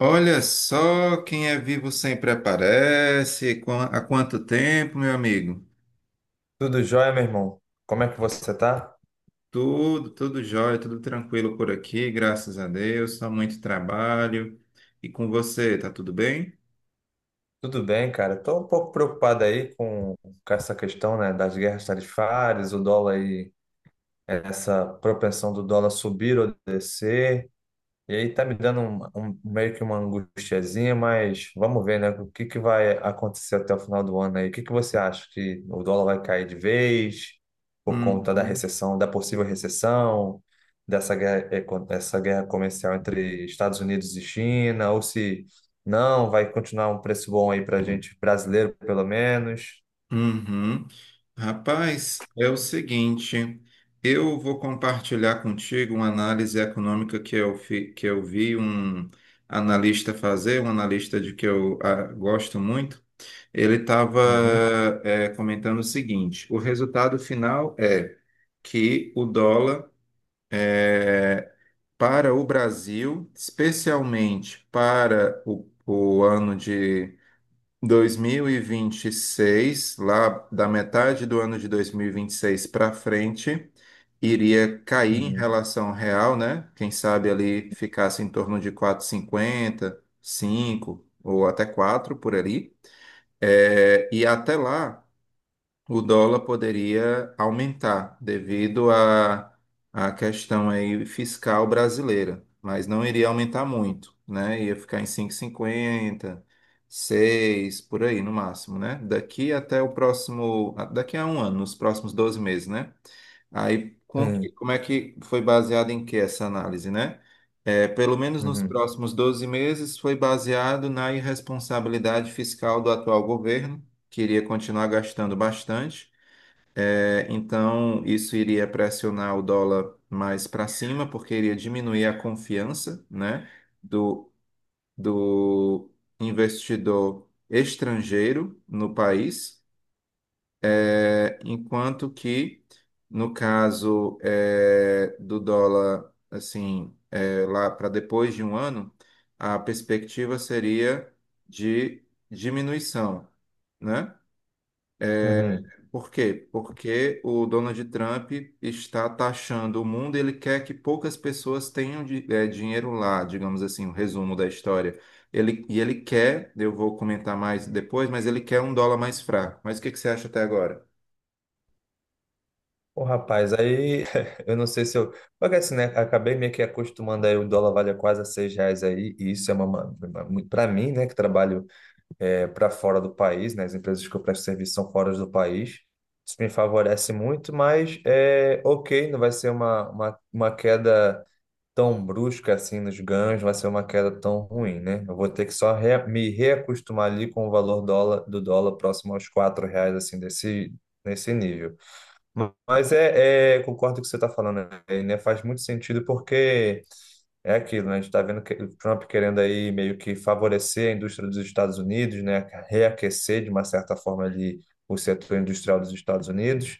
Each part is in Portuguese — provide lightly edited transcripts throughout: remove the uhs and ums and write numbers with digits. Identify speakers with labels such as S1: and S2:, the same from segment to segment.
S1: Olha só, quem é vivo sempre aparece. Há quanto tempo, meu amigo?
S2: Tudo jóia, meu irmão? Como é que você tá?
S1: Tudo jóia, tudo tranquilo por aqui, graças a Deus. Só muito trabalho. E com você, tá tudo bem?
S2: Tudo bem, cara. Tô um pouco preocupado aí com essa questão, né, das guerras tarifárias, o dólar e essa propensão do dólar subir ou descer. E aí tá me dando meio que uma angustiazinha, mas vamos ver, né? O que que vai acontecer até o final do ano aí? O que que você acha? Que o dólar vai cair de vez por conta da
S1: Uhum.
S2: recessão, da possível recessão, dessa guerra, essa guerra comercial entre Estados Unidos e China, ou se não, vai continuar um preço bom aí pra gente brasileiro, pelo menos.
S1: Uhum. Rapaz, é o seguinte, eu, vou compartilhar contigo uma análise econômica que que eu vi um analista fazer, um analista de que eu gosto muito. Ele estava
S2: Uhum,
S1: comentando o seguinte: o resultado final é que o dólar eh, para o Brasil, especialmente para o ano de 2026, lá da metade do ano de 2026 para frente, iria cair em
S2: uhum,
S1: relação real, né? Quem sabe ali ficasse em torno de 4,50, 5 ou até 4 por ali. É, e até lá o dólar poderia aumentar devido à questão aí fiscal brasileira, mas não iria aumentar muito, né? Ia ficar em cinco, e cinquenta, seis, por aí no máximo, né? Daqui até o próximo, daqui a um ano, nos próximos 12 meses, né? Aí,
S2: sim,
S1: como é que foi baseado em que essa análise, né? É, pelo menos nos
S2: uhum,
S1: próximos 12 meses, foi baseado na irresponsabilidade fiscal do atual governo, que iria continuar gastando bastante. É, então, isso iria pressionar o dólar mais para cima, porque iria diminuir a confiança, né, do, do investidor estrangeiro no país. É, enquanto que, no caso do dólar, assim, lá para depois de um ano, a perspectiva seria de diminuição, né?
S2: uhum.
S1: Por quê? Porque o Donald Trump está taxando o mundo, e ele quer que poucas pessoas tenham dinheiro lá, digamos assim, o resumo da história. Ele, e ele quer, eu vou comentar mais depois, mas ele quer um dólar mais fraco. Mas o que que você acha até agora?
S2: Ô, rapaz, aí eu não sei se eu. Porque assim, né? Acabei meio que acostumando aí, o dólar vale quase a seis reais aí, e isso é uma. Pra mim, né, que trabalho é, para fora do país, né? As empresas que eu presto serviço são fora do país. Isso me favorece muito, mas é ok, não vai ser uma queda tão brusca assim nos ganhos, não vai ser uma queda tão ruim, né? Eu vou ter que só me reacostumar ali com o valor dólar, do dólar próximo aos quatro reais, assim, desse, nesse nível. Mas concordo com o que você está falando, né? Faz muito sentido porque é aquilo, né? A gente está vendo que o Trump querendo aí meio que favorecer a indústria dos Estados Unidos, né? Reaquecer de uma certa forma ali o setor industrial dos Estados Unidos.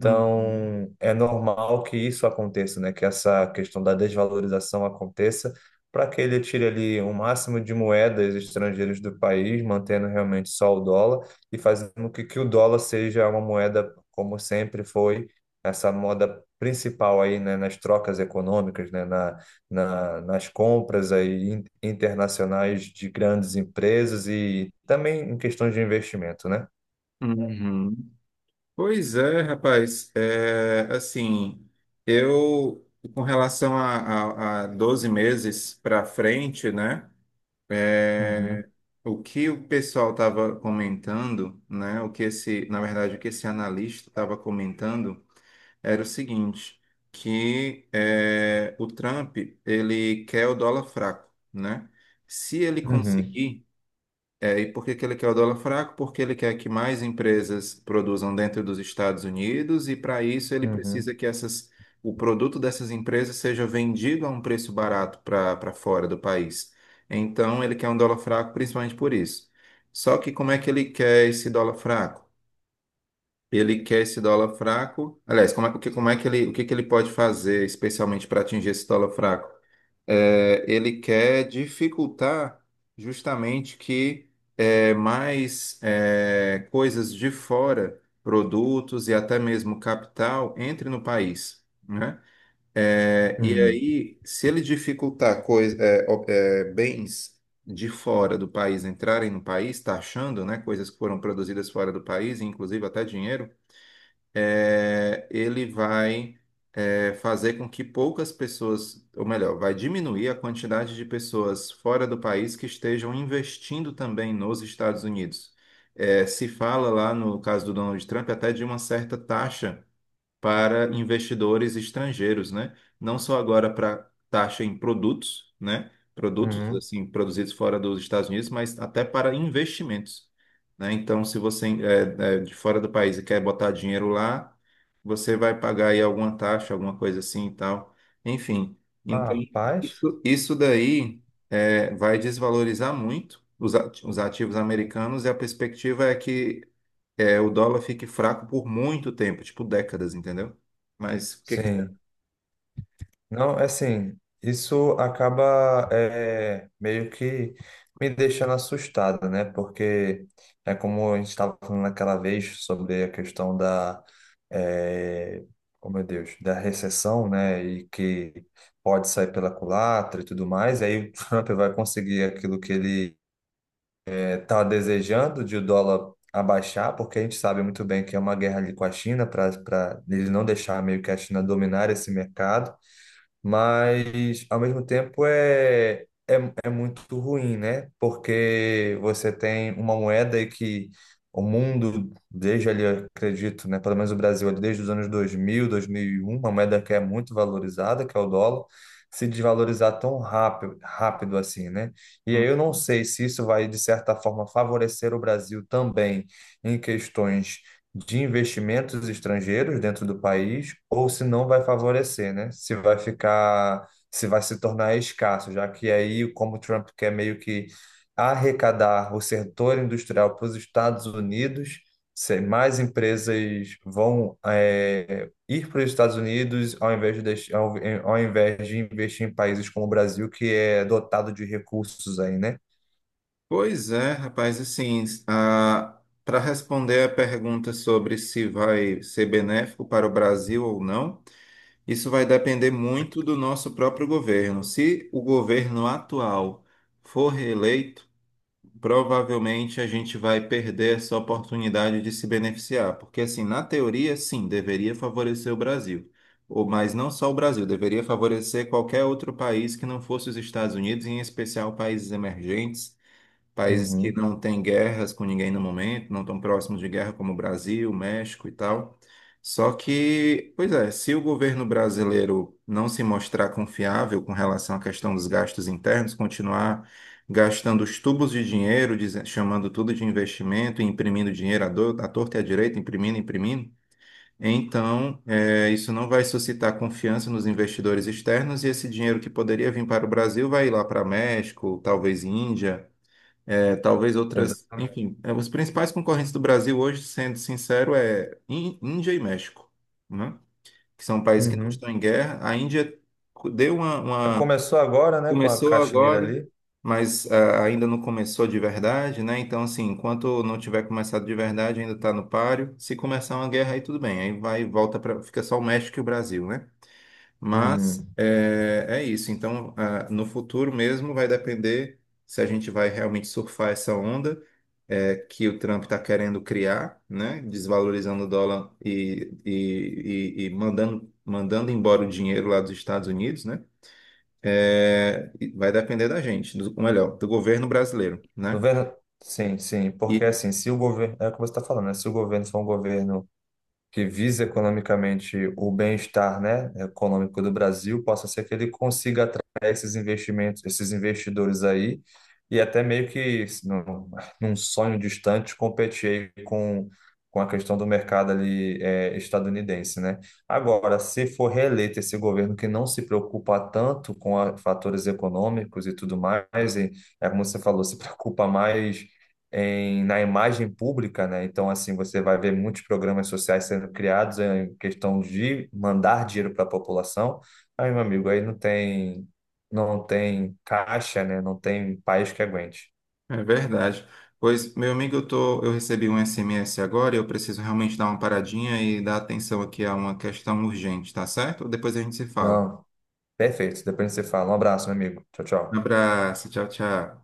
S1: Uhum.
S2: é normal que isso aconteça, né? Que essa questão da desvalorização aconteça para que ele tire ali o máximo de moedas estrangeiras do país, mantendo realmente só o dólar e fazendo com que o dólar seja uma moeda, como sempre foi, essa moda principal aí, né? Nas trocas econômicas, né? Nas compras aí internacionais de grandes empresas e também em questões de investimento, né?
S1: Uhum. Pois é, rapaz. É, assim, eu, com relação a 12 meses para frente, né?
S2: Uhum,
S1: é, o que o pessoal estava comentando, né? O que esse, na verdade, o que esse analista estava comentando era o seguinte, que é, o Trump, ele quer o dólar fraco, né? Se ele Uhum.
S2: uhum,
S1: conseguir, e por que que ele quer o dólar fraco? Porque ele quer que mais empresas produzam dentro dos Estados Unidos e para isso ele
S2: uhum,
S1: precisa que essas, o produto dessas empresas seja vendido a um preço barato para para fora do país. Então ele quer um dólar fraco principalmente por isso. Só que como é que ele quer esse dólar fraco? Ele quer esse dólar fraco. Aliás, como é, o que, como é que ele, o que que ele pode fazer especialmente para atingir esse dólar fraco? Ele quer dificultar justamente que coisas de fora, produtos e até mesmo capital, entre no país, né? É, e
S2: uhum,
S1: aí, se ele dificultar coisa, bens de fora do país entrarem no país, taxando, né, coisas que foram produzidas fora do país, inclusive até dinheiro, ele vai fazer com que poucas pessoas, ou melhor, vai diminuir a quantidade de pessoas fora do país que estejam investindo também nos Estados Unidos. Se fala lá no caso do Donald Trump até de uma certa taxa para investidores estrangeiros, né? Não só agora para taxa em produtos, né? Produtos
S2: uhum.
S1: assim produzidos fora dos Estados Unidos, mas até para investimentos, né? Então, se você é de fora do país e quer botar dinheiro lá, você vai pagar aí alguma taxa, alguma coisa assim e tal. Enfim, então
S2: Rapaz,
S1: isso daí vai desvalorizar muito os ativos americanos e a perspectiva é que o dólar fique fraco por muito tempo, tipo décadas, entendeu? Mas o que que você...
S2: sim. Não, é assim, isso acaba é, meio que me deixando assustado, né? Porque é como a gente estava falando naquela vez sobre a questão da, é, oh meu Deus, da recessão, né? E que pode sair pela culatra e tudo mais, e aí o Trump vai conseguir aquilo que ele está desejando de o dólar abaixar, porque a gente sabe muito bem que é uma guerra ali com a China para ele não deixar meio que a China dominar esse mercado. Mas, ao mesmo tempo, é muito ruim, né? Porque você tem uma moeda aí que o mundo, desde ali, eu acredito, né? Pelo menos o Brasil, ali, desde os anos 2000, 2001, uma moeda que é muito valorizada, que é o dólar, se desvalorizar tão rápido, rápido assim, né? E aí
S1: Hum.
S2: eu não sei se isso vai, de certa forma, favorecer o Brasil também em questões de investimentos estrangeiros dentro do país, ou se não vai favorecer, né? Se vai ficar se vai se tornar escasso, já que aí, como o Trump quer meio que arrecadar o setor industrial para os Estados Unidos, se mais empresas vão ir para os Estados Unidos ao invés de, ao invés de investir em países como o Brasil, que é dotado de recursos aí, né?
S1: Pois é, rapaz, assim, para responder a pergunta sobre se vai ser benéfico para o Brasil ou não, isso vai depender muito do nosso próprio governo. Se o governo atual for reeleito, provavelmente a gente vai perder essa oportunidade de se beneficiar, porque assim, na teoria, sim, deveria favorecer o Brasil, ou mas não só o Brasil, deveria favorecer qualquer outro país que não fosse os Estados Unidos, em especial países emergentes. Países que
S2: Uhum,
S1: não têm guerras com ninguém no momento, não estão próximos de guerra, como o Brasil, México e tal. Só que, pois é, se o governo brasileiro não se mostrar confiável com relação à questão dos gastos internos, continuar gastando os tubos de dinheiro, chamando tudo de investimento, e imprimindo dinheiro à torta e à direita, imprimindo, imprimindo, então isso não vai suscitar confiança nos investidores externos e esse dinheiro que poderia vir para o Brasil vai ir lá para México, talvez Índia talvez outras,
S2: exatamente.
S1: enfim, é, os principais concorrentes do Brasil hoje, sendo sincero, é Índia e México, né? Que são países que não
S2: Uhum.
S1: estão em guerra. A Índia deu uma, uma-
S2: Começou agora, né, com a
S1: começou
S2: Caxemira
S1: agora,
S2: ali.
S1: mas ainda não começou de verdade, né? Então, assim, enquanto não tiver começado de verdade, ainda está no páreo. Se começar uma guerra, aí tudo bem, aí vai e volta para, fica só o México e o Brasil, né? Mas
S2: Uhum.
S1: é, é isso. Então, no futuro mesmo vai depender se a gente vai realmente surfar essa onda que o Trump está querendo criar, né? Desvalorizando o dólar e mandando, mandando embora o dinheiro lá dos Estados Unidos, né? É, e vai depender da gente, do, ou melhor, do governo brasileiro, né?
S2: Governo, sim, sim, porque
S1: E
S2: assim, se o governo, é o que você está falando, né? Se o governo for um governo que visa economicamente o bem-estar, né, econômico do Brasil, possa ser que ele consiga atrair esses investimentos, esses investidores aí, e até meio que num, num sonho distante competir aí com a questão do mercado ali estadunidense, né? Agora, se for reeleito esse governo que não se preocupa tanto com fatores econômicos e tudo mais, e é como você falou, se preocupa mais na imagem pública, né? Então, assim, você vai ver muitos programas sociais sendo criados em questão de mandar dinheiro para a população. Aí, meu amigo, aí não tem, não tem caixa, né? Não tem país que aguente.
S1: é verdade. Pois, meu amigo, eu recebi um SMS agora e eu preciso realmente dar uma paradinha e dar atenção aqui a uma questão urgente, tá certo? Depois a gente se fala.
S2: Não, perfeito. Depois você fala. Um abraço, meu amigo. Tchau,
S1: Um
S2: tchau.
S1: abraço, tchau, tchau.